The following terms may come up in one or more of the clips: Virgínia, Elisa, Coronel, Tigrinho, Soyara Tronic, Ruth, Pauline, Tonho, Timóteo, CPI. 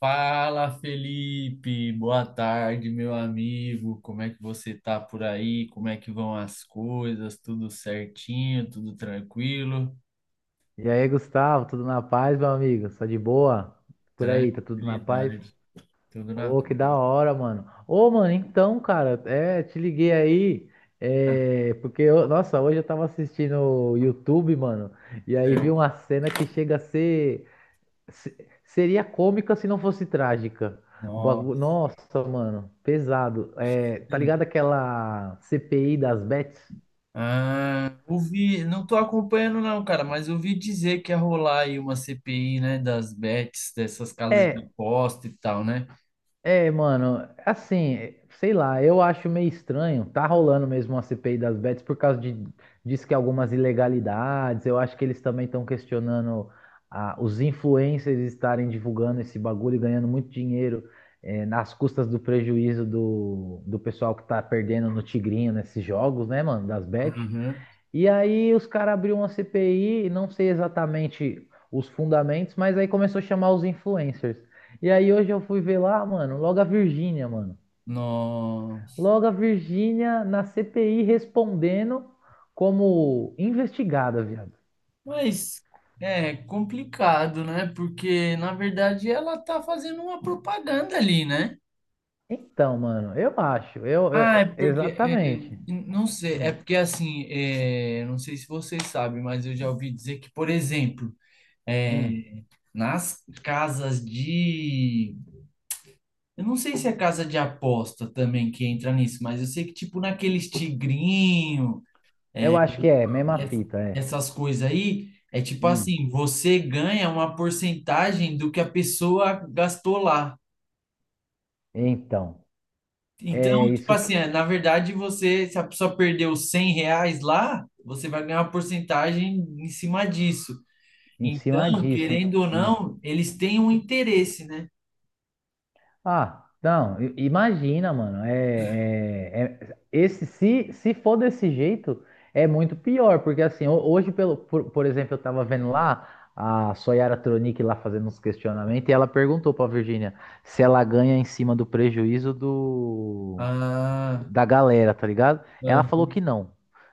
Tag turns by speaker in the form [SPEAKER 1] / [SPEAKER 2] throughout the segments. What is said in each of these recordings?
[SPEAKER 1] Fala, Felipe. Boa tarde, meu amigo. Como é que você tá por aí? Como é que vão as coisas? Tudo certinho? Tudo tranquilo?
[SPEAKER 2] E aí, Gustavo, tudo na paz, meu amigo? Só de boa? Por aí, tá tudo na paz?
[SPEAKER 1] Tranquilidade. Tudo na
[SPEAKER 2] Ô, que da
[SPEAKER 1] paz.
[SPEAKER 2] hora, mano. Ô, mano, então, cara, te liguei aí,
[SPEAKER 1] Tá.
[SPEAKER 2] porque, nossa, hoje eu tava assistindo o YouTube, mano, e aí vi
[SPEAKER 1] Certo.
[SPEAKER 2] uma cena que chega a ser, se- seria cômica se não fosse trágica.
[SPEAKER 1] Nossa.
[SPEAKER 2] Nossa, mano, pesado. É, tá ligado aquela CPI das bets?
[SPEAKER 1] Ah, ouvi, não tô acompanhando não, cara, mas ouvi dizer que ia rolar aí uma CPI, né, das bets, dessas casas de
[SPEAKER 2] É.
[SPEAKER 1] aposta e tal, né?
[SPEAKER 2] É, mano, assim, sei lá, eu acho meio estranho. Tá rolando mesmo uma CPI das bets por causa de, diz que algumas ilegalidades. Eu acho que eles também estão questionando, ah, os influencers estarem divulgando esse bagulho e ganhando muito dinheiro, nas custas do prejuízo do pessoal que tá perdendo no Tigrinho nesses jogos, né, mano, das bets.
[SPEAKER 1] Uhum.
[SPEAKER 2] E aí os caras abriram uma CPI, não sei exatamente os fundamentos, mas aí começou a chamar os influencers. E aí hoje eu fui ver lá, mano, logo a Virgínia, mano.
[SPEAKER 1] Nossa.
[SPEAKER 2] Logo a Virgínia na CPI respondendo como investigada, viado.
[SPEAKER 1] Mas é complicado, né? Porque, na verdade, ela tá fazendo uma propaganda ali, né?
[SPEAKER 2] Então, mano, eu acho,
[SPEAKER 1] Ah, é porque. é,
[SPEAKER 2] exatamente.
[SPEAKER 1] não sei, é
[SPEAKER 2] Hum,
[SPEAKER 1] porque assim, não sei se vocês sabem, mas eu já ouvi dizer que, por exemplo, é,
[SPEAKER 2] hum.
[SPEAKER 1] nas casas de. Eu não sei se é casa de aposta também que entra nisso, mas eu sei que, tipo, naqueles tigrinho.
[SPEAKER 2] Eu acho que é mesma
[SPEAKER 1] ess-
[SPEAKER 2] fita, é.
[SPEAKER 1] essas coisas aí, é tipo
[SPEAKER 2] Hum.
[SPEAKER 1] assim, você ganha uma porcentagem do que a pessoa gastou lá.
[SPEAKER 2] Então,
[SPEAKER 1] Então,
[SPEAKER 2] é
[SPEAKER 1] tipo
[SPEAKER 2] isso que,
[SPEAKER 1] assim, na verdade, você, se a pessoa perdeu R$ 100 lá, você vai ganhar uma porcentagem em cima disso.
[SPEAKER 2] em cima
[SPEAKER 1] Então,
[SPEAKER 2] disso.
[SPEAKER 1] querendo ou
[SPEAKER 2] Hum.
[SPEAKER 1] não, eles têm um interesse, né?
[SPEAKER 2] Ah, não, imagina, mano. Esse, se for desse jeito, é muito pior, porque assim, hoje, por exemplo, eu tava vendo lá a Soyara Tronic lá fazendo uns questionamentos, e ela perguntou pra Virgínia se ela ganha em cima do prejuízo
[SPEAKER 1] Ah,
[SPEAKER 2] da galera, tá ligado? Ela
[SPEAKER 1] ah,
[SPEAKER 2] falou que não.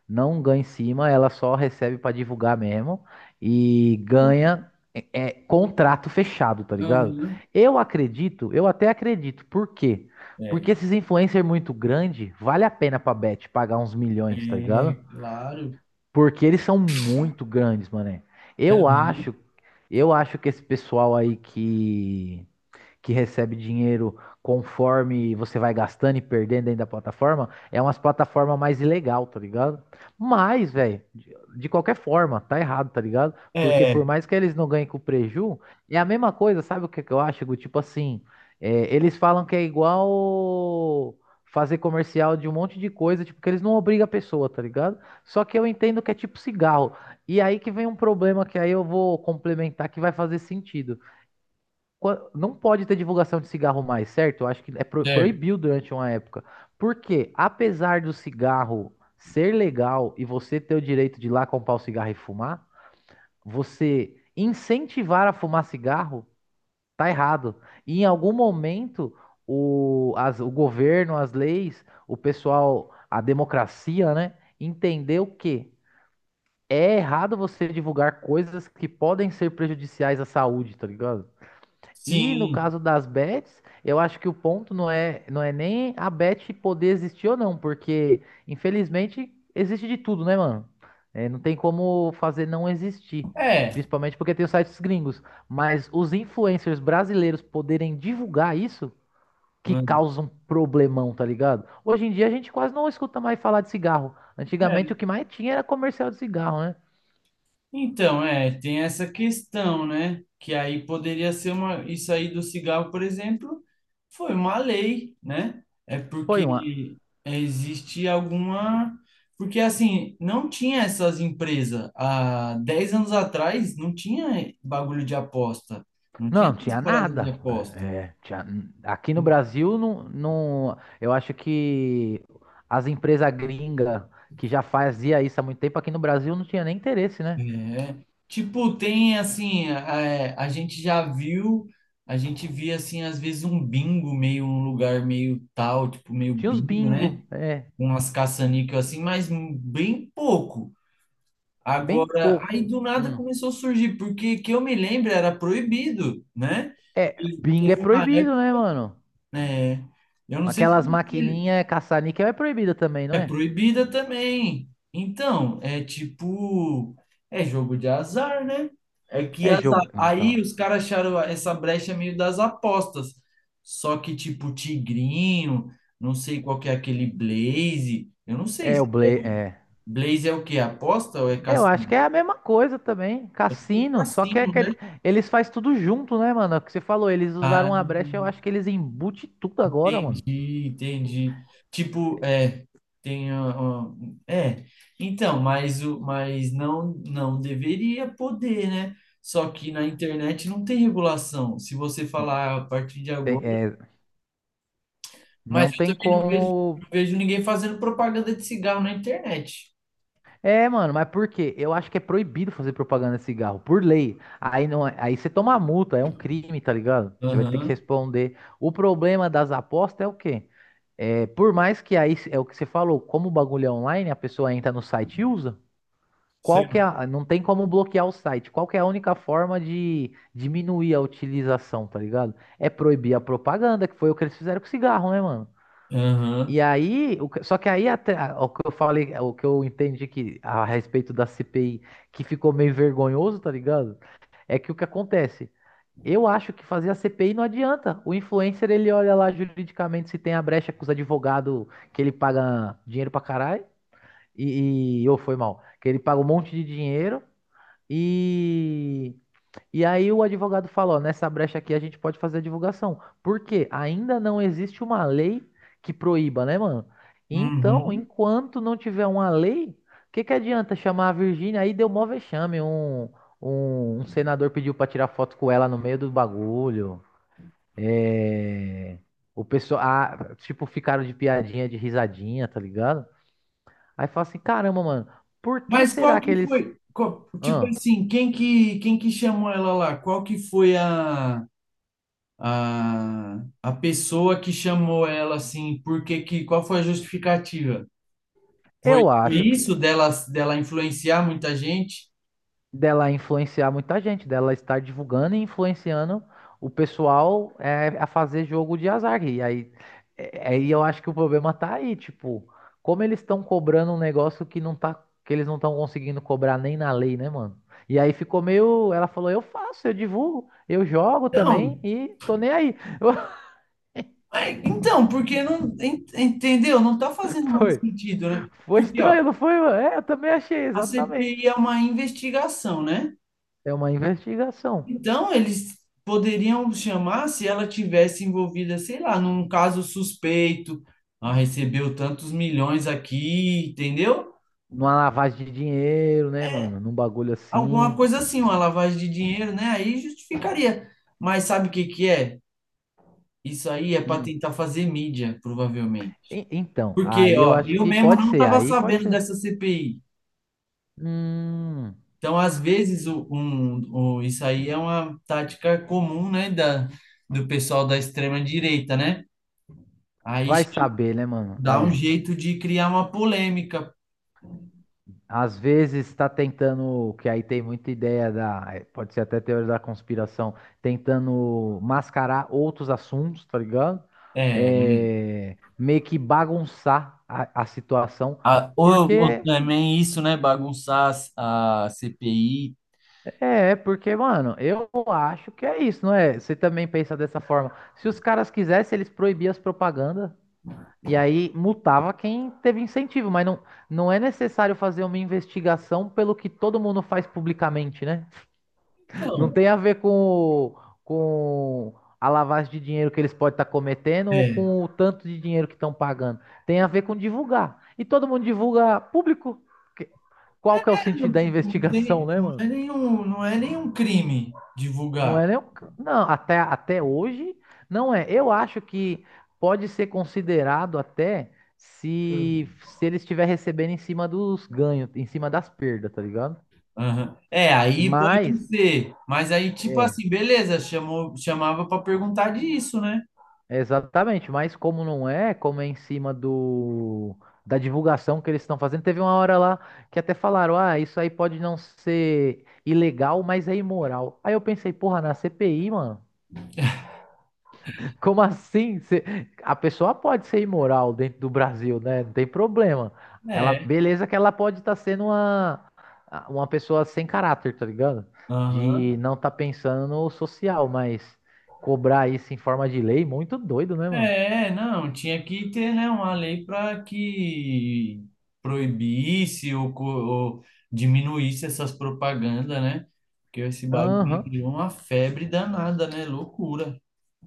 [SPEAKER 2] Não ganha em cima, ela só recebe pra divulgar mesmo e ganha contrato fechado, tá ligado?
[SPEAKER 1] aham.
[SPEAKER 2] Eu acredito, eu até acredito. Por quê?
[SPEAKER 1] É,
[SPEAKER 2] Porque esses influencers muito grande, vale a pena pra Bet pagar uns milhões, tá
[SPEAKER 1] é,
[SPEAKER 2] ligado?
[SPEAKER 1] claro.
[SPEAKER 2] Porque eles são muito grandes, mané. Eu
[SPEAKER 1] Aham.
[SPEAKER 2] acho, eu acho que esse pessoal aí que recebe dinheiro conforme você vai gastando e perdendo dentro da plataforma, é umas plataformas mais ilegal, tá ligado? Mas, velho, de qualquer forma, tá errado, tá ligado? Porque por
[SPEAKER 1] É,
[SPEAKER 2] mais que eles não ganhem com preju, é a mesma coisa, sabe o que que eu acho, Gu? Tipo assim, é, eles falam que é igual fazer comercial de um monte de coisa, tipo, que eles não obrigam a pessoa, tá ligado? Só que eu entendo que é tipo cigarro. E aí que vem um problema que aí eu vou complementar que vai fazer sentido. Não pode ter divulgação de cigarro mais, certo? Eu acho que é
[SPEAKER 1] é,
[SPEAKER 2] proibiu durante uma época. Porque, apesar do cigarro ser legal e você ter o direito de ir lá comprar o cigarro e fumar, você incentivar a fumar cigarro tá errado. E em algum momento, o governo, as leis, o pessoal, a democracia, né, entendeu que é errado você divulgar coisas que podem ser prejudiciais à saúde, tá ligado? E no
[SPEAKER 1] sim,
[SPEAKER 2] caso das bets, eu acho que o ponto não é, não é nem a bet poder existir ou não, porque infelizmente existe de tudo, né, mano? É, não tem como fazer não existir,
[SPEAKER 1] é,
[SPEAKER 2] principalmente porque tem os sites gringos. Mas os influencers brasileiros poderem divulgar isso que causa um problemão, tá ligado? Hoje em dia a gente quase não escuta mais falar de cigarro. Antigamente o
[SPEAKER 1] é.
[SPEAKER 2] que mais tinha era comercial de cigarro, né?
[SPEAKER 1] Então, tem essa questão, né? Que aí poderia ser uma. Isso aí do cigarro, por exemplo, foi uma lei, né? É
[SPEAKER 2] Foi uma.
[SPEAKER 1] porque existe alguma. Porque, assim, não tinha essas empresas. Há 10 anos atrás, não tinha bagulho de aposta. Não tinha
[SPEAKER 2] Não,
[SPEAKER 1] essas
[SPEAKER 2] tinha
[SPEAKER 1] paradas de
[SPEAKER 2] nada.
[SPEAKER 1] aposta.
[SPEAKER 2] É, é, tinha- Aqui no Brasil, não, não, eu acho que as empresas gringas que já fazia isso há muito tempo, aqui no Brasil não tinha nem interesse, né?
[SPEAKER 1] É, tipo, tem assim, a gente já viu, a gente via assim, às vezes um bingo meio, um lugar meio tal, tipo, meio
[SPEAKER 2] Tinha os
[SPEAKER 1] bingo, né?
[SPEAKER 2] bingo, é,
[SPEAKER 1] Com umas caça-níquel assim, mas bem pouco.
[SPEAKER 2] bem
[SPEAKER 1] Agora, aí
[SPEAKER 2] pouco.
[SPEAKER 1] do nada
[SPEAKER 2] Hum.
[SPEAKER 1] começou a surgir, porque que eu me lembro era proibido, né?
[SPEAKER 2] É,
[SPEAKER 1] E
[SPEAKER 2] bingo é
[SPEAKER 1] teve uma
[SPEAKER 2] proibido,
[SPEAKER 1] época,
[SPEAKER 2] né, mano?
[SPEAKER 1] é, eu não sei se.
[SPEAKER 2] Aquelas maquininhas caça-níquel é proibida também, não
[SPEAKER 1] É
[SPEAKER 2] é?
[SPEAKER 1] proibida também. Então, é tipo, é jogo de azar, né? É que
[SPEAKER 2] É
[SPEAKER 1] azar.
[SPEAKER 2] jogo,
[SPEAKER 1] Aí
[SPEAKER 2] então.
[SPEAKER 1] os caras acharam essa brecha meio das apostas. Só que tipo Tigrinho, não sei qual que é aquele Blaze. Eu não sei
[SPEAKER 2] É o
[SPEAKER 1] se é.
[SPEAKER 2] Ble, é.
[SPEAKER 1] Blaze é o quê? Aposta ou é
[SPEAKER 2] É, eu acho
[SPEAKER 1] cassino?
[SPEAKER 2] que é a mesma coisa também,
[SPEAKER 1] É o
[SPEAKER 2] cassino, só que é
[SPEAKER 1] cassino, né?
[SPEAKER 2] aquele, eles faz tudo junto, né, mano? É o que você falou, eles
[SPEAKER 1] Ah,
[SPEAKER 2] usaram uma brecha, eu acho que eles embute tudo agora, mano.
[SPEAKER 1] entendi, entendi. Tipo, tem é, então, mas o mas não deveria poder, né? Só que na internet não tem regulação. Se você falar ah, a partir de
[SPEAKER 2] Tem-
[SPEAKER 1] agora,
[SPEAKER 2] é,
[SPEAKER 1] mas
[SPEAKER 2] não
[SPEAKER 1] eu
[SPEAKER 2] tem
[SPEAKER 1] também não vejo,
[SPEAKER 2] como.
[SPEAKER 1] não vejo ninguém fazendo propaganda de cigarro na internet.
[SPEAKER 2] É, mano, mas por quê? Eu acho que é proibido fazer propaganda de cigarro, por lei. Aí não, aí você toma multa, é um crime, tá ligado? Você vai ter que
[SPEAKER 1] Aham.
[SPEAKER 2] responder. O problema das apostas é o quê? É, por mais que aí é o que você falou, como o bagulho é online, a pessoa entra no site e usa. Qual
[SPEAKER 1] Sei.
[SPEAKER 2] que é a, não tem como bloquear o site. Qual que é a única forma de diminuir a utilização, tá ligado? É proibir a propaganda, que foi o que eles fizeram com o cigarro, né, mano?
[SPEAKER 1] Aham.
[SPEAKER 2] E aí, só que aí até o que eu falei, o que eu entendi que a respeito da CPI, que ficou meio vergonhoso, tá ligado? É que o que acontece? Eu acho que fazer a CPI não adianta. O influencer, ele olha lá juridicamente se tem a brecha com os advogados que ele paga dinheiro pra caralho e ou foi mal, que ele paga um monte de dinheiro. E, e aí o advogado falou, nessa brecha aqui a gente pode fazer a divulgação. Por quê? Ainda não existe uma lei que proíba, né, mano? Então,
[SPEAKER 1] Uhum.
[SPEAKER 2] enquanto não tiver uma lei, o que que adianta chamar a Virgínia? Aí deu mó vexame, um senador pediu pra tirar foto com ela no meio do bagulho. É, o pessoal, ah, tipo, ficaram de piadinha, de risadinha, tá ligado? Aí fala assim, caramba, mano, por que
[SPEAKER 1] Mas qual
[SPEAKER 2] será que
[SPEAKER 1] que
[SPEAKER 2] eles...
[SPEAKER 1] foi? Tipo
[SPEAKER 2] Ahn?
[SPEAKER 1] assim, quem que chamou ela lá? Qual que foi a pessoa que chamou ela assim, por que que, qual foi a justificativa? Foi
[SPEAKER 2] Eu acho que
[SPEAKER 1] isso dela influenciar muita gente?
[SPEAKER 2] dela influenciar muita gente, dela estar divulgando e influenciando o pessoal, é, a fazer jogo de azar. E aí, é, aí eu acho que o problema tá aí, tipo, como eles estão cobrando um negócio que não tá, que eles não estão conseguindo cobrar nem na lei, né, mano? E aí ficou meio, ela falou, eu faço, eu divulgo, eu jogo
[SPEAKER 1] Então,
[SPEAKER 2] também e tô nem aí.
[SPEAKER 1] então, porque não, entendeu? Não está fazendo muito
[SPEAKER 2] Foi,
[SPEAKER 1] sentido, né?
[SPEAKER 2] foi
[SPEAKER 1] Porque, ó,
[SPEAKER 2] estranho, não foi, mano? É, eu também achei,
[SPEAKER 1] a CPI
[SPEAKER 2] exatamente.
[SPEAKER 1] é uma investigação, né?
[SPEAKER 2] É uma investigação.
[SPEAKER 1] Então, eles poderiam chamar se ela tivesse envolvida, sei lá, num caso suspeito, ah, recebeu tantos milhões aqui, entendeu?
[SPEAKER 2] Numa lavagem de dinheiro, né, mano? Num bagulho
[SPEAKER 1] Alguma
[SPEAKER 2] assim.
[SPEAKER 1] coisa assim, uma lavagem de dinheiro, né? Aí justificaria. Mas sabe o que que é? Isso aí é para
[SPEAKER 2] Hum.
[SPEAKER 1] tentar fazer mídia, provavelmente.
[SPEAKER 2] Então,
[SPEAKER 1] Porque,
[SPEAKER 2] aí eu
[SPEAKER 1] ó,
[SPEAKER 2] acho
[SPEAKER 1] eu
[SPEAKER 2] que
[SPEAKER 1] mesmo
[SPEAKER 2] pode
[SPEAKER 1] não
[SPEAKER 2] ser,
[SPEAKER 1] estava
[SPEAKER 2] aí pode
[SPEAKER 1] sabendo
[SPEAKER 2] ser.
[SPEAKER 1] dessa CPI.
[SPEAKER 2] Hum,
[SPEAKER 1] Então, às vezes, isso aí é uma tática comum, né, da, do pessoal da extrema-direita, né? Aí
[SPEAKER 2] vai saber, né, mano?
[SPEAKER 1] dá um
[SPEAKER 2] É.
[SPEAKER 1] jeito de criar uma polêmica.
[SPEAKER 2] Às vezes tá tentando, que aí tem muita ideia da, é, pode ser até teoria da conspiração, tentando mascarar outros assuntos, tá ligado?
[SPEAKER 1] É,
[SPEAKER 2] É, meio que bagunçar a situação,
[SPEAKER 1] ou
[SPEAKER 2] porque
[SPEAKER 1] também isso, né, bagunçar a CPI.
[SPEAKER 2] porque, mano, eu acho que é isso, não é? Você também pensa dessa forma. Se os caras quisessem, eles proibiam as propagandas. E aí multava quem teve incentivo, mas não, não é necessário fazer uma investigação pelo que todo mundo faz publicamente, né? Não
[SPEAKER 1] Então,
[SPEAKER 2] tem a ver com, com a lavagem de dinheiro que eles podem estar cometendo ou
[SPEAKER 1] é.
[SPEAKER 2] com o tanto de dinheiro que estão pagando. Tem a ver com divulgar. E todo mundo divulga público. Que- Qual que é o
[SPEAKER 1] Não
[SPEAKER 2] sentido da
[SPEAKER 1] não
[SPEAKER 2] investigação,
[SPEAKER 1] tem-
[SPEAKER 2] né,
[SPEAKER 1] não é
[SPEAKER 2] mano?
[SPEAKER 1] nenhum, não é nenhum crime
[SPEAKER 2] Não
[SPEAKER 1] divulgar.
[SPEAKER 2] é nem o não, até, até hoje não é. Eu acho que pode ser considerado até
[SPEAKER 1] Hum.
[SPEAKER 2] se ele estiver recebendo em cima dos ganhos, em cima das perdas, tá ligado?
[SPEAKER 1] Aham. É, aí pode
[SPEAKER 2] Mas,
[SPEAKER 1] ser. Mas aí, tipo
[SPEAKER 2] é,
[SPEAKER 1] assim, beleza, chamou, chamava para perguntar disso, né?
[SPEAKER 2] exatamente. Mas como não é, como é em cima do, da divulgação que eles estão fazendo, teve uma hora lá que até falaram, ah, isso aí pode não ser ilegal, mas é imoral. Aí eu pensei, porra, na CPI, mano. Como assim? A pessoa pode ser imoral dentro do Brasil, né? Não tem problema. Ela,
[SPEAKER 1] É.
[SPEAKER 2] beleza que ela pode estar sendo uma pessoa sem caráter, tá ligado? De
[SPEAKER 1] Aham.
[SPEAKER 2] não estar pensando no social, mas cobrar isso em forma de lei, muito doido, né, mano?
[SPEAKER 1] É, não, tinha que ter, né, uma lei para que proibisse ou diminuísse essas propagandas, né? Porque esse bagulho
[SPEAKER 2] Aham,
[SPEAKER 1] virou uma febre danada, né? Loucura.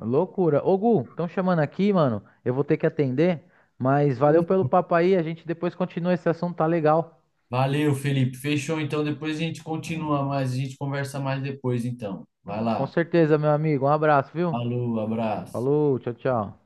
[SPEAKER 2] loucura. Ô, Gu, estão chamando aqui, mano. Eu vou ter que atender, mas valeu pelo papo aí. A gente depois continua esse assunto, tá legal?
[SPEAKER 1] Valeu, Felipe. Fechou, então. Depois a gente continua mais, a gente conversa mais depois, então. Vai
[SPEAKER 2] Com
[SPEAKER 1] lá.
[SPEAKER 2] certeza, meu amigo. Um abraço, viu?
[SPEAKER 1] Falou, abraço.
[SPEAKER 2] Falou, tchau, tchau.